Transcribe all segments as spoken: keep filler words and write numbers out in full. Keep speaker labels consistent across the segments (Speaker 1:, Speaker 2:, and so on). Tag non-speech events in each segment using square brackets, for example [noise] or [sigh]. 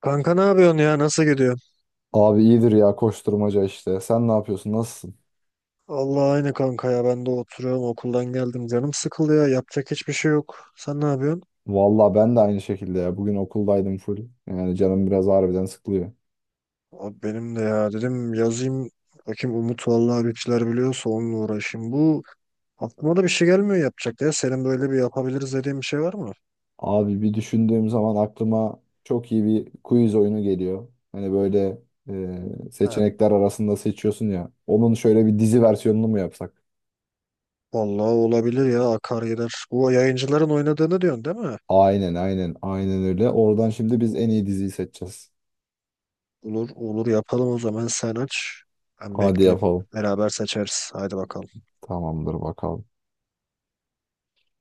Speaker 1: Kanka ne yapıyorsun ya? Nasıl gidiyor?
Speaker 2: Abi iyidir ya, koşturmaca işte. Sen ne yapıyorsun? Nasılsın?
Speaker 1: Allah aynı kanka ya. Ben de oturuyorum. Okuldan geldim. Canım sıkıldı ya. Yapacak hiçbir şey yok. Sen ne yapıyorsun?
Speaker 2: Valla ben de aynı şekilde ya. Bugün okuldaydım full. Yani canım biraz harbiden sıkılıyor.
Speaker 1: Abi benim de ya. Dedim yazayım. Bakayım Umut vallahi bir şeyler biliyorsa onunla uğraşayım. Bu aklıma da bir şey gelmiyor yapacak ya. Senin böyle bir yapabiliriz dediğin bir şey var mı?
Speaker 2: Abi bir düşündüğüm zaman aklıma çok iyi bir quiz oyunu geliyor. Hani böyle e,
Speaker 1: He.
Speaker 2: seçenekler arasında seçiyorsun ya. Onun şöyle bir dizi versiyonunu mu yapsak?
Speaker 1: Vallahi olabilir ya. Akar gider. Bu yayıncıların oynadığını diyorsun değil mi?
Speaker 2: Aynen aynen aynen öyle. Oradan şimdi biz en iyi diziyi seçeceğiz.
Speaker 1: Olur olur yapalım o zaman. Sen aç. Ben
Speaker 2: Hadi
Speaker 1: bekleyeyim.
Speaker 2: yapalım.
Speaker 1: Beraber seçeriz. Haydi bakalım.
Speaker 2: Tamamdır bakalım.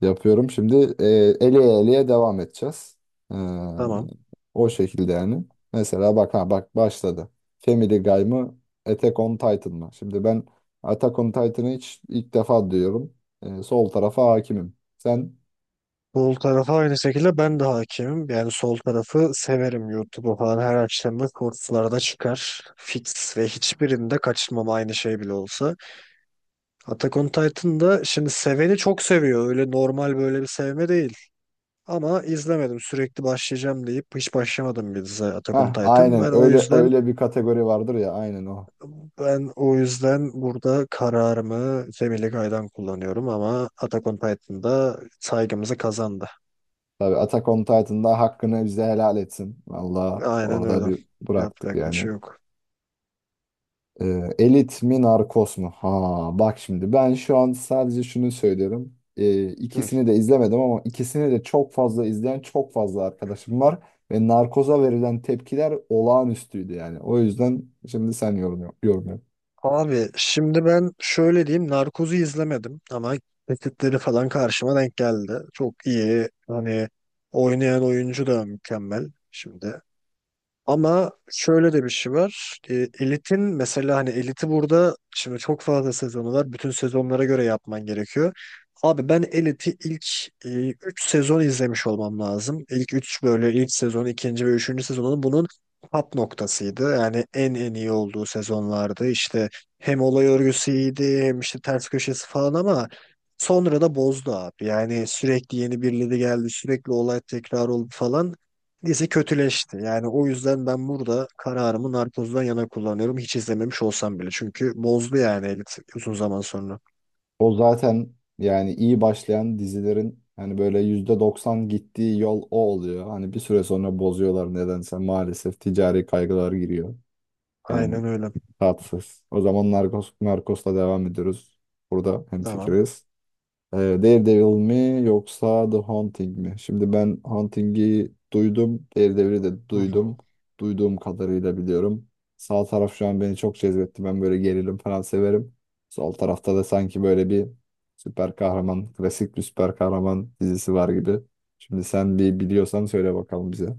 Speaker 2: Yapıyorum. Şimdi e, eleye eleye devam edeceğiz. E,
Speaker 1: Tamam.
Speaker 2: O şekilde yani. Mesela bak, ha bak, başladı. Family Guy mı? Attack on Titan mı? Şimdi ben Attack on Titan'ı hiç, ilk defa duyuyorum. E, sol tarafa hakimim. Sen
Speaker 1: Sol tarafa aynı şekilde ben de hakimim. Yani sol tarafı severim YouTube'u falan. Her akşam da shortslarda çıkar. Fix ve hiçbirinde kaçırmam aynı şey bile olsa. Attack on Titan'da şimdi seveni çok seviyor. Öyle normal böyle bir sevme değil. Ama izlemedim. Sürekli başlayacağım deyip hiç başlamadım bir dizi Attack on
Speaker 2: ha,
Speaker 1: Titan. Ben
Speaker 2: aynen
Speaker 1: o
Speaker 2: öyle,
Speaker 1: yüzden
Speaker 2: öyle bir kategori vardır ya, aynen o.
Speaker 1: ben o yüzden burada kararımı Cemile Gay'dan kullanıyorum ama Attack on Titan'da saygımızı kazandı.
Speaker 2: Tabii Attack on Titan'da hakkını bize helal etsin. Vallahi
Speaker 1: Aynen
Speaker 2: orada
Speaker 1: öyle.
Speaker 2: bir bıraktık
Speaker 1: Yapacak bir
Speaker 2: yani.
Speaker 1: şey yok.
Speaker 2: Ee, elit mi, narkos mu? Ha bak, şimdi ben şu an sadece şunu söylerim, Ee,
Speaker 1: Hı.
Speaker 2: ikisini de izlemedim ama ikisini de çok fazla izleyen çok fazla arkadaşım var. Ve narkoza verilen tepkiler olağanüstüydü yani. O yüzden şimdi sen yorum, yap- yorum yap.
Speaker 1: Abi şimdi ben şöyle diyeyim. Narkoz'u izlemedim ama kesitleri falan karşıma denk geldi. Çok iyi. Hani oynayan oyuncu da mükemmel. Şimdi ama şöyle de bir şey var. E, elitin mesela hani eliti burada şimdi çok fazla sezonu var. Bütün sezonlara göre yapman gerekiyor. Abi ben Elit'i ilk e, üç sezon izlemiş olmam lazım. İlk üç böyle ilk sezon, ikinci ve üçüncü sezonun bunun top noktasıydı. Yani en en iyi olduğu sezonlardı. İşte hem olay örgüsü iyiydi hem işte ters köşesi falan ama sonra da bozdu abi. Yani sürekli yeni birileri geldi, sürekli olay tekrar oldu falan. Dizi kötüleşti. Yani o yüzden ben burada kararımı Narcos'dan yana kullanıyorum. Hiç izlememiş olsam bile. Çünkü bozdu yani Elit uzun zaman sonra.
Speaker 2: O zaten yani iyi başlayan dizilerin hani böyle yüzde doksan gittiği yol o oluyor. Hani bir süre sonra bozuyorlar nedense, maalesef ticari kaygılar giriyor. Yani
Speaker 1: Aynen öyle.
Speaker 2: tatsız. O zaman Narcos, Narcos'la devam ediyoruz. Burada
Speaker 1: Tamam.
Speaker 2: hemfikiriz. Ee, Daredevil mi, yoksa The Haunting mi? Şimdi ben Haunting'i duydum. Daredevil'i de
Speaker 1: Hı
Speaker 2: duydum.
Speaker 1: hı.
Speaker 2: Duyduğum kadarıyla biliyorum. Sağ taraf şu an beni çok cezbetti. Ben böyle gerilim falan severim. Sol tarafta da sanki böyle bir süper kahraman, klasik bir süper kahraman dizisi var gibi. Şimdi sen bir biliyorsan söyle bakalım bize.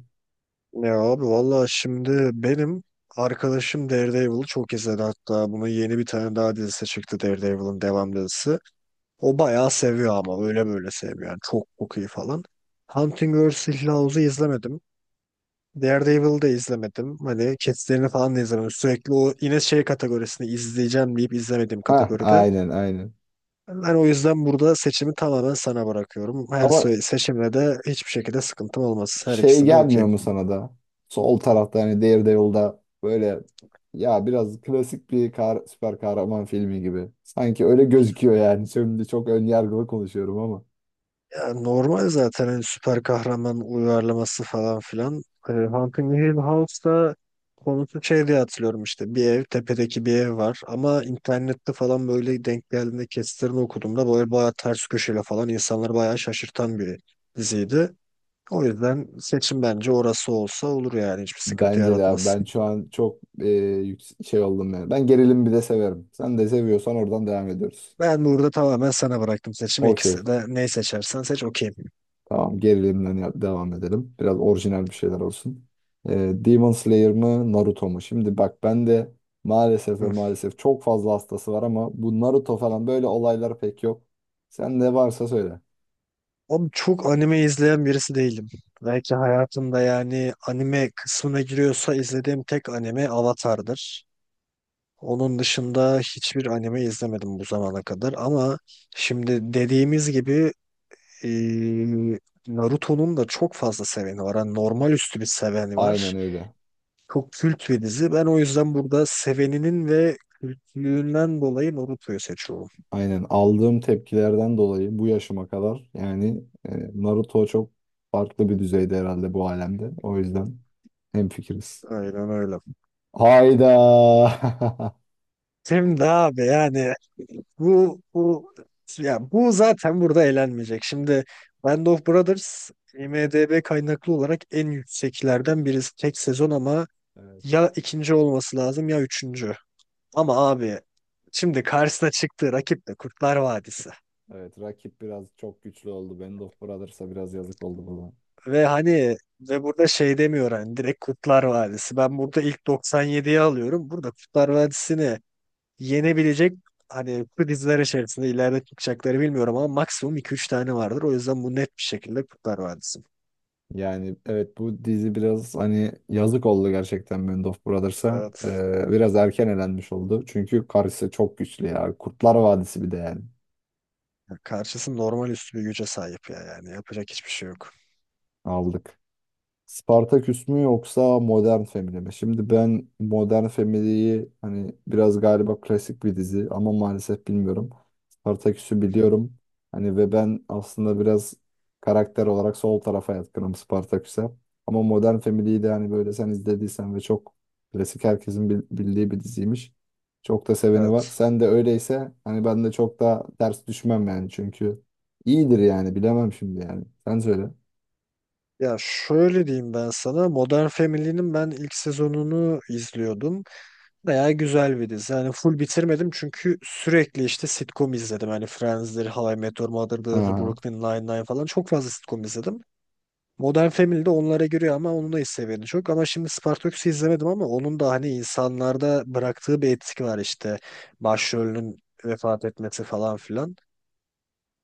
Speaker 1: Ya abi valla şimdi benim arkadaşım Daredevil'ı çok izledi. Hatta bunun yeni bir tane daha dizisi çıktı, Daredevil'ın devam dizisi. O bayağı seviyor ama öyle böyle sevmiyor. Yani çok çok iyi falan. Hunting versus. Hill House'u izlemedim. Daredevil'ı da izlemedim. Hani kesitlerini falan da izlemedim. Sürekli o yine şey kategorisini izleyeceğim deyip izlemediğim
Speaker 2: Ha,
Speaker 1: kategoride.
Speaker 2: aynen aynen.
Speaker 1: Ben o yüzden burada seçimi tamamen sana bırakıyorum. Her
Speaker 2: Ama
Speaker 1: se- seçimle de hiçbir şekilde sıkıntım olmaz. Her
Speaker 2: şey
Speaker 1: ikisine de
Speaker 2: gelmiyor
Speaker 1: okeyim.
Speaker 2: mu sana da? Sol tarafta hani Daredevil'da böyle ya biraz klasik bir kar, süper kahraman filmi gibi. Sanki öyle gözüküyor yani. [laughs] Şimdi çok ön yargılı konuşuyorum ama.
Speaker 1: Ya normal zaten hani süper kahraman uyarlaması falan filan. Ee, Hunting Hill House'da konusu şey diye hatırlıyorum, işte bir ev, tepedeki bir ev var ama internette falan böyle denk geldiğinde kesitlerini okuduğumda böyle bayağı ters köşeyle falan insanları bayağı şaşırtan bir diziydi. O yüzden seçim bence orası olsa olur yani, hiçbir sıkıntı
Speaker 2: Bence de abi
Speaker 1: yaratmaz.
Speaker 2: ben şu an çok e, yüks- şey oldum yani. Ben gerilim bir de severim. Sen de seviyorsan oradan devam ediyoruz.
Speaker 1: Ben burada tamamen sana bıraktım seçimi,
Speaker 2: Okey.
Speaker 1: ikisi de, neyi seçersen seç okeyim.
Speaker 2: Tamam, gerilimden ya- devam edelim. Biraz orijinal bir şeyler olsun. Ee, Demon Slayer mı, Naruto mu? Şimdi bak, ben de maalesef ve maalesef, çok fazla hastası var ama bu Naruto falan böyle olaylar pek yok. Sen ne varsa söyle.
Speaker 1: Abi çok anime izleyen birisi değilim. Belki hayatımda, yani anime kısmına giriyorsa, izlediğim tek anime Avatar'dır. Onun dışında hiçbir anime izlemedim bu zamana kadar ama şimdi dediğimiz gibi eee, Naruto'nun da çok fazla seveni var. Yani normal üstü bir seveni var.
Speaker 2: Aynen öyle.
Speaker 1: Çok kült bir dizi. Ben o yüzden burada seveninin ve kültlüğünden dolayı Naruto'yu seçiyorum.
Speaker 2: Aynen, aldığım tepkilerden dolayı bu yaşıma kadar yani e, Naruto çok farklı bir düzeyde herhalde bu alemde. O yüzden hemfikiriz.
Speaker 1: Aynen öyle.
Speaker 2: Hayda.
Speaker 1: Şimdi abi yani Bu bu ya bu zaten burada eğlenmeyecek. Şimdi Band of Brothers IMDb kaynaklı olarak en yükseklerden birisi, tek sezon, ama
Speaker 2: [laughs]
Speaker 1: ya ikinci olması lazım ya üçüncü. Ama abi şimdi karşısına çıktığı rakip de Kurtlar Vadisi.
Speaker 2: Evet, rakip biraz çok güçlü oldu. Band of Brothers'a biraz yazık oldu burada.
Speaker 1: Ve hani ve burada şey demiyor hani, direkt Kurtlar Vadisi. Ben burada ilk doksan yediyi alıyorum. Burada Kurtlar Vadisi'ni yenebilecek hani bu içerisinde ileride çıkacakları bilmiyorum ama maksimum iki üç tane vardır. O yüzden bu net bir şekilde Kurtlar Vadisi.
Speaker 2: Yani evet, bu dizi biraz hani yazık oldu gerçekten Band of Brothers'a.
Speaker 1: Evet.
Speaker 2: Ee, biraz erken elenmiş oldu. Çünkü karşısı çok güçlü ya. Kurtlar Vadisi bir de yani.
Speaker 1: Ya karşısı normal üstü bir güce sahip ya, yani yapacak hiçbir şey yok.
Speaker 2: Aldık. Spartaküs mü, yoksa Modern Family mi? Şimdi ben Modern Family'yi hani biraz galiba klasik bir dizi ama maalesef bilmiyorum. Spartaküs'ü
Speaker 1: Hı hı.
Speaker 2: biliyorum. Hani ve ben aslında biraz karakter olarak sol tarafa yatkınım, Spartaküs'e. Ama Modern Family'yi de hani böyle sen izlediysen ve çok klasik, herkesin bil- bildiği bir diziymiş. Çok da seveni var.
Speaker 1: Evet.
Speaker 2: Sen de öyleyse hani ben de çok da ters düşmem yani, çünkü iyidir yani, bilemem şimdi yani. Sen söyle.
Speaker 1: Ya şöyle diyeyim ben sana, Modern Family'nin ben ilk sezonunu izliyordum. Bayağı güzel bir dizi. Yani full bitirmedim çünkü sürekli işte sitcom izledim. Hani Friends'dir, How I Met Your Mother'dır,
Speaker 2: Ha.
Speaker 1: Brooklyn Nine-Nine falan, çok fazla sitcom izledim. Modern Family de onlara giriyor ama onun da seviyeni çok. Ama şimdi Spartacus'u izlemedim ama onun da hani insanlarda bıraktığı bir etki var işte. Başrolünün vefat etmesi falan filan.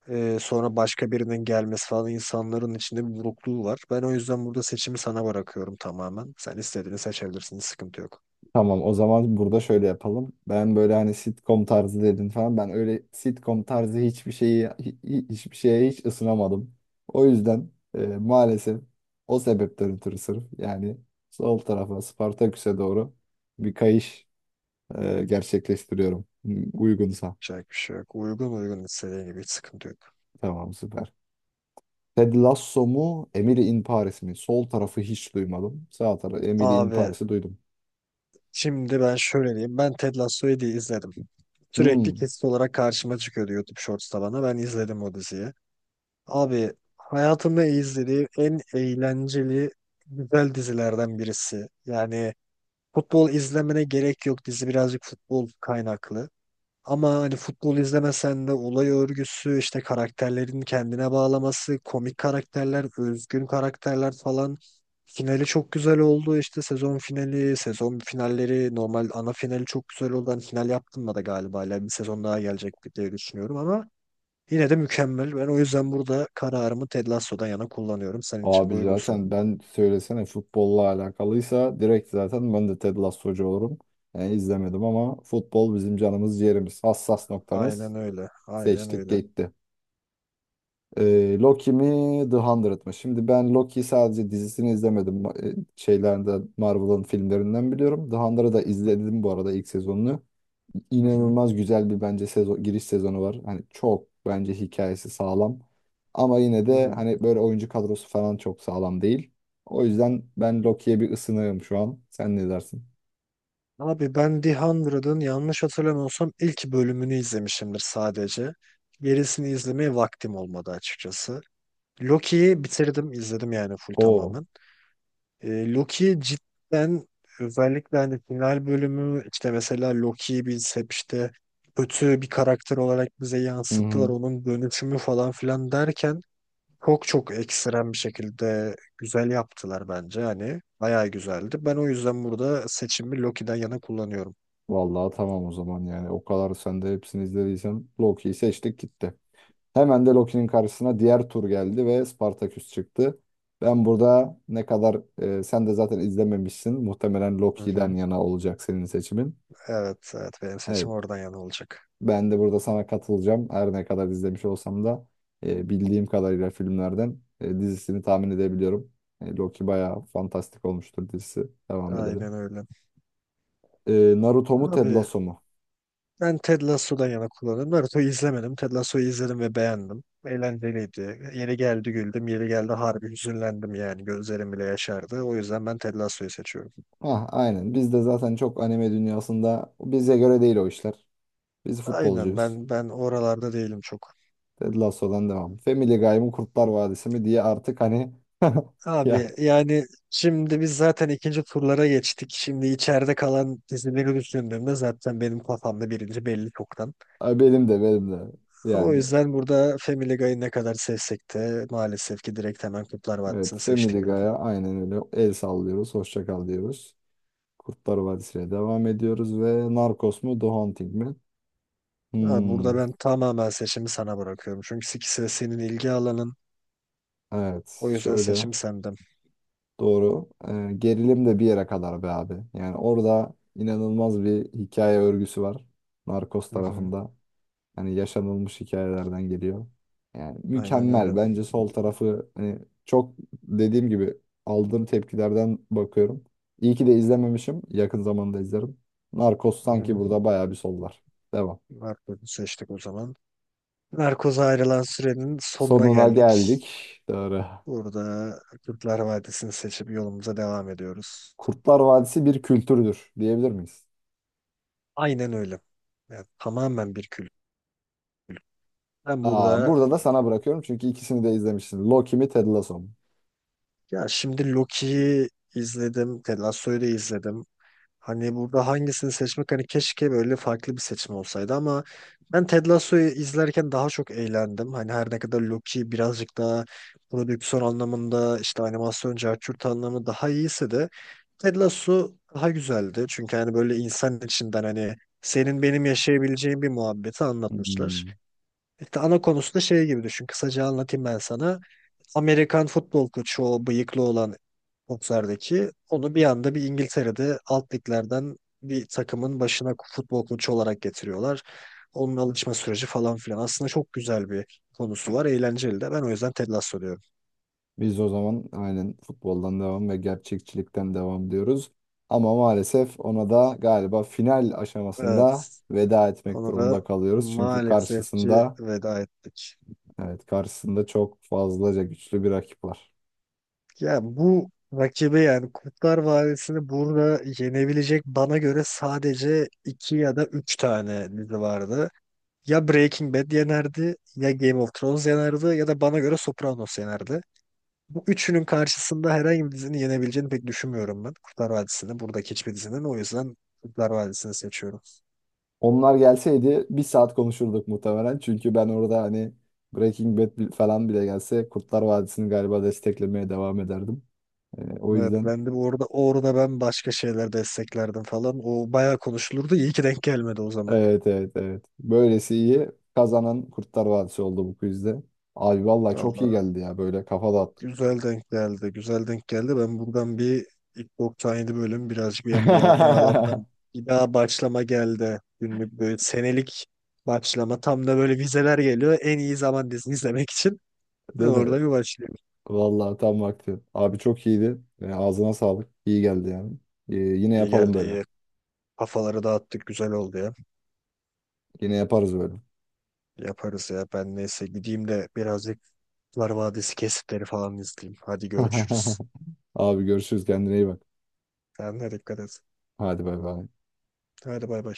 Speaker 1: Ee, sonra başka birinin gelmesi falan, insanların içinde bir burukluğu var. Ben o yüzden burada seçimi sana bırakıyorum tamamen. Sen istediğini seçebilirsin. Hiç sıkıntı yok.
Speaker 2: Tamam, o zaman burada şöyle yapalım. Ben böyle hani sitcom tarzı dedin falan. Ben öyle sitcom tarzı hiçbir şeyi hi- hi- hiçbir şeye hiç ısınamadım. O yüzden e, maalesef o sebepten ötürü sırf yani sol tarafa, Spartaküs'e doğru bir kayış e, gerçekleştiriyorum. Hmm, uygunsa.
Speaker 1: Yapacak bir şey yok. Uygun, uygun, istediğin gibi, hiç sıkıntı yok.
Speaker 2: Tamam, süper. Ted Lasso mu, Emily in Paris mi? Sol tarafı hiç duymadım. Sağ tarafı, Emily in
Speaker 1: Abi
Speaker 2: Paris'i duydum.
Speaker 1: şimdi ben şöyle diyeyim. Ben Ted Lasso'yu diye izledim. Sürekli
Speaker 2: Hmm.
Speaker 1: kesit olarak karşıma çıkıyordu YouTube Shorts'ta bana. Ben izledim o diziyi. Abi hayatımda izlediğim en eğlenceli, güzel dizilerden birisi. Yani futbol izlemene gerek yok. Dizi birazcık futbol kaynaklı. Ama hani futbol izlemesen de olay örgüsü, işte karakterlerin kendine bağlaması, komik karakterler, özgün karakterler falan. Finali çok güzel oldu. İşte sezon finali, sezon finalleri, normal ana finali çok güzel oldu. Hani final yaptım da galiba, hala bir sezon daha gelecek diye düşünüyorum ama yine de mükemmel. Ben o yüzden burada kararımı Ted Lasso'dan yana kullanıyorum. Senin için de
Speaker 2: Abi
Speaker 1: uygunsa.
Speaker 2: zaten, ben söylesene futbolla alakalıysa direkt zaten ben de Ted Lasso'cu olurum. Yani izlemedim ama futbol bizim canımız ciğerimiz. Hassas noktamız.
Speaker 1: Aynen öyle. Aynen
Speaker 2: Seçtik
Speaker 1: öyle.
Speaker 2: gitti. Ee, Loki mi, The Hundred mı? Şimdi ben Loki sadece, dizisini izlemedim. Ma- e, Şeylerden, Marvel'ın filmlerinden biliyorum. The Hundred'ı da izledim bu arada, ilk sezonunu.
Speaker 1: Hı hı.
Speaker 2: İnanılmaz güzel bir, bence sezo- giriş sezonu var. Hani çok bence hikayesi sağlam. Ama yine
Speaker 1: Hı
Speaker 2: de
Speaker 1: hı.
Speaker 2: hani böyle oyuncu kadrosu falan çok sağlam değil. O yüzden ben Loki'ye bir ısınığım şu an. Sen ne dersin?
Speaker 1: Abi ben The hundredın yanlış hatırlamıyorsam ilk bölümünü izlemişimdir sadece. Gerisini izlemeye vaktim olmadı açıkçası. Loki'yi bitirdim, izledim yani full
Speaker 2: O.
Speaker 1: tamamen. E, Loki cidden, özellikle hani final bölümü, işte mesela Loki'yi biz hep işte kötü bir karakter olarak bize
Speaker 2: Hı
Speaker 1: yansıttılar,
Speaker 2: hı.
Speaker 1: onun dönüşümü falan filan derken çok çok ekstrem bir şekilde güzel yaptılar bence. Hani bayağı güzeldi. Ben o yüzden burada seçimi Loki'den yana kullanıyorum.
Speaker 2: Vallahi tamam o zaman yani. O kadar sen de hepsini izlediysen, Loki'yi seçtik gitti. Hemen de Loki'nin karşısına diğer tur geldi ve Spartaküs çıktı. Ben burada ne kadar e, sen de zaten izlememişsin, muhtemelen
Speaker 1: Hı
Speaker 2: Loki'den
Speaker 1: hı.
Speaker 2: yana olacak senin seçimin.
Speaker 1: Evet, evet, benim seçim
Speaker 2: Evet.
Speaker 1: oradan yana olacak.
Speaker 2: Ben de burada sana katılacağım. Her ne kadar izlemiş olsam da e, bildiğim kadarıyla filmlerden e, dizisini tahmin edebiliyorum. E, Loki bayağı fantastik olmuştur dizisi. Devam edelim.
Speaker 1: Aynen öyle.
Speaker 2: E, Naruto mu, Ted
Speaker 1: Abi
Speaker 2: Lasso mu?
Speaker 1: ben Ted Lasso'dan yana kullanırım. Naruto'yu izlemedim. Ted Lasso'yu izledim ve beğendim. Eğlenceliydi. Yeri geldi güldüm. Yeri geldi harbi hüzünlendim yani. Gözlerim bile yaşardı. O yüzden ben Ted Lasso'yu seçiyorum.
Speaker 2: Ah, aynen. Biz de zaten çok anime dünyasında, bize göre değil o işler. Biz
Speaker 1: Aynen,
Speaker 2: futbolcuyuz.
Speaker 1: ben ben oralarda değilim çok.
Speaker 2: Ted Lasso'dan devam. Family Guy mı, Kurtlar Vadisi mi diye artık hani [laughs]
Speaker 1: Abi
Speaker 2: ya,
Speaker 1: yani şimdi biz zaten ikinci turlara geçtik. Şimdi içeride kalan dizileri düşündüğümde zaten benim kafamda birinci belli çoktan.
Speaker 2: ay benim de benim de
Speaker 1: O
Speaker 2: yani,
Speaker 1: yüzden burada Family Guy'ı ne kadar sevsek de maalesef ki direkt hemen Kurtlar
Speaker 2: evet,
Speaker 1: Vadisi'ni
Speaker 2: Family
Speaker 1: seçtik bile.
Speaker 2: Guy'a aynen öyle el sallıyoruz. Hoşça kal diyoruz. Kurtlar Vadisi'ne devam ediyoruz. Ve Narcos mu, The Hunting mi?
Speaker 1: Abi burada
Speaker 2: Hmm,
Speaker 1: ben tamamen seçimi sana bırakıyorum. Çünkü ikisi de senin ilgi alanın.
Speaker 2: evet,
Speaker 1: O yüzden
Speaker 2: şöyle
Speaker 1: seçim senden.
Speaker 2: doğru. Ee, gerilim de bir yere kadar be abi. Yani orada inanılmaz bir hikaye örgüsü var. Narcos
Speaker 1: Hı hı.
Speaker 2: tarafında. Hani yaşanılmış hikayelerden geliyor. Yani
Speaker 1: Aynen
Speaker 2: mükemmel.
Speaker 1: öyle.
Speaker 2: Bence sol tarafı hani çok, dediğim gibi, aldığım tepkilerden bakıyorum. İyi ki de izlememişim. Yakın zamanda izlerim. Narcos
Speaker 1: Hı
Speaker 2: sanki
Speaker 1: hı.
Speaker 2: burada bayağı bir sollar. Devam.
Speaker 1: Narkoz'u seçtik o zaman. Narkoz'a ayrılan sürenin sonuna
Speaker 2: Sonuna
Speaker 1: geldik.
Speaker 2: geldik. Doğru.
Speaker 1: Burada Kurtlar Vadisi'ni seçip yolumuza devam ediyoruz.
Speaker 2: Kurtlar Vadisi bir kültürdür diyebilir miyiz?
Speaker 1: Aynen öyle. Yani tamamen bir kült. Ben
Speaker 2: Aa,
Speaker 1: burada,
Speaker 2: burada da sana bırakıyorum çünkü ikisini de izlemişsin. Loki mi, Ted Lasso mu?
Speaker 1: ya şimdi Loki'yi izledim, Ted Lasso'yu da izledim. Hani burada hangisini seçmek, hani keşke böyle farklı bir seçim olsaydı ama ben Ted Lasso'yu izlerken daha çok eğlendim. Hani her ne kadar Loki birazcık daha prodüksiyon anlamında, işte animasyon carçurt anlamı daha iyiyse de Ted Lasso daha güzeldi. Çünkü hani böyle insan içinden, hani senin benim yaşayabileceğin bir muhabbeti anlatmışlar.
Speaker 2: Hmm.
Speaker 1: İşte ana konusu da şey gibi düşün. Kısaca anlatayım ben sana. Amerikan futbol koçu, o bıyıklı olan bokserdeki, onu bir anda bir İngiltere'de alt liglerden bir takımın başına futbol koçu olarak getiriyorlar. Onun alışma süreci falan filan. Aslında çok güzel bir konusu var. Eğlenceli de. Ben o yüzden Ted Lasso diyorum.
Speaker 2: Biz o zaman aynen futboldan devam ve gerçekçilikten devam diyoruz. Ama maalesef ona da galiba final
Speaker 1: Evet.
Speaker 2: aşamasında veda etmek
Speaker 1: Ona
Speaker 2: durumunda
Speaker 1: da
Speaker 2: kalıyoruz. Çünkü
Speaker 1: maalesef ki
Speaker 2: karşısında,
Speaker 1: veda ettik.
Speaker 2: evet karşısında, çok fazlaca güçlü bir rakip var.
Speaker 1: Ya bu rakibi, yani Kurtlar Vadisi'ni burada yenebilecek bana göre sadece iki ya da üç tane dizi vardı. Ya Breaking Bad yenerdi, ya Game of Thrones yenerdi, ya da bana göre Sopranos yenerdi. Bu üçünün karşısında herhangi bir dizinin yenebileceğini pek düşünmüyorum ben. Kurtlar Vadisi'ni, buradaki hiçbir dizinin. O yüzden Kurtlar Vadisi'ni seçiyorum.
Speaker 2: Onlar gelseydi bir saat konuşurduk muhtemelen. Çünkü ben orada hani Breaking Bad bi- falan bile gelse Kurtlar Vadisi'ni galiba desteklemeye devam ederdim. Ee, o
Speaker 1: Evet,
Speaker 2: yüzden
Speaker 1: ben de orada orada ben başka şeyler desteklerdim falan. O bayağı konuşulurdu. İyi ki denk gelmedi o zaman.
Speaker 2: evet evet evet. Böylesi iyi. Kazanan Kurtlar Vadisi oldu bu quizde. Abi vallahi çok iyi
Speaker 1: Allah
Speaker 2: geldi ya, böyle kafa dağıttık.
Speaker 1: güzel denk geldi. Güzel denk geldi. Ben buradan bir ilk doksan yedi bölüm birazcık bir yan- bir yala- e, yalandan
Speaker 2: [laughs]
Speaker 1: bir daha başlama geldi. Günlük böyle senelik başlama. Tam da böyle vizeler geliyor. En iyi zaman dizini izlemek için. [laughs] Ben
Speaker 2: Değil mi?
Speaker 1: orada bir başlayayım.
Speaker 2: Vallahi tam vakti. Abi çok iyiydi. Ee, ağzına sağlık. İyi geldi yani. Ee, yine
Speaker 1: İyi
Speaker 2: yapalım
Speaker 1: geldi,
Speaker 2: böyle.
Speaker 1: iyi. Kafaları dağıttık. Güzel oldu ya.
Speaker 2: Yine yaparız böyle.
Speaker 1: Yaparız ya. Ben neyse gideyim de birazcık Kurtlar Vadisi kesitleri falan izleyeyim. Hadi görüşürüz.
Speaker 2: [laughs] Abi görüşürüz, kendine iyi bak.
Speaker 1: Kendine dikkat et.
Speaker 2: Hadi bay bay.
Speaker 1: Hadi bay bay.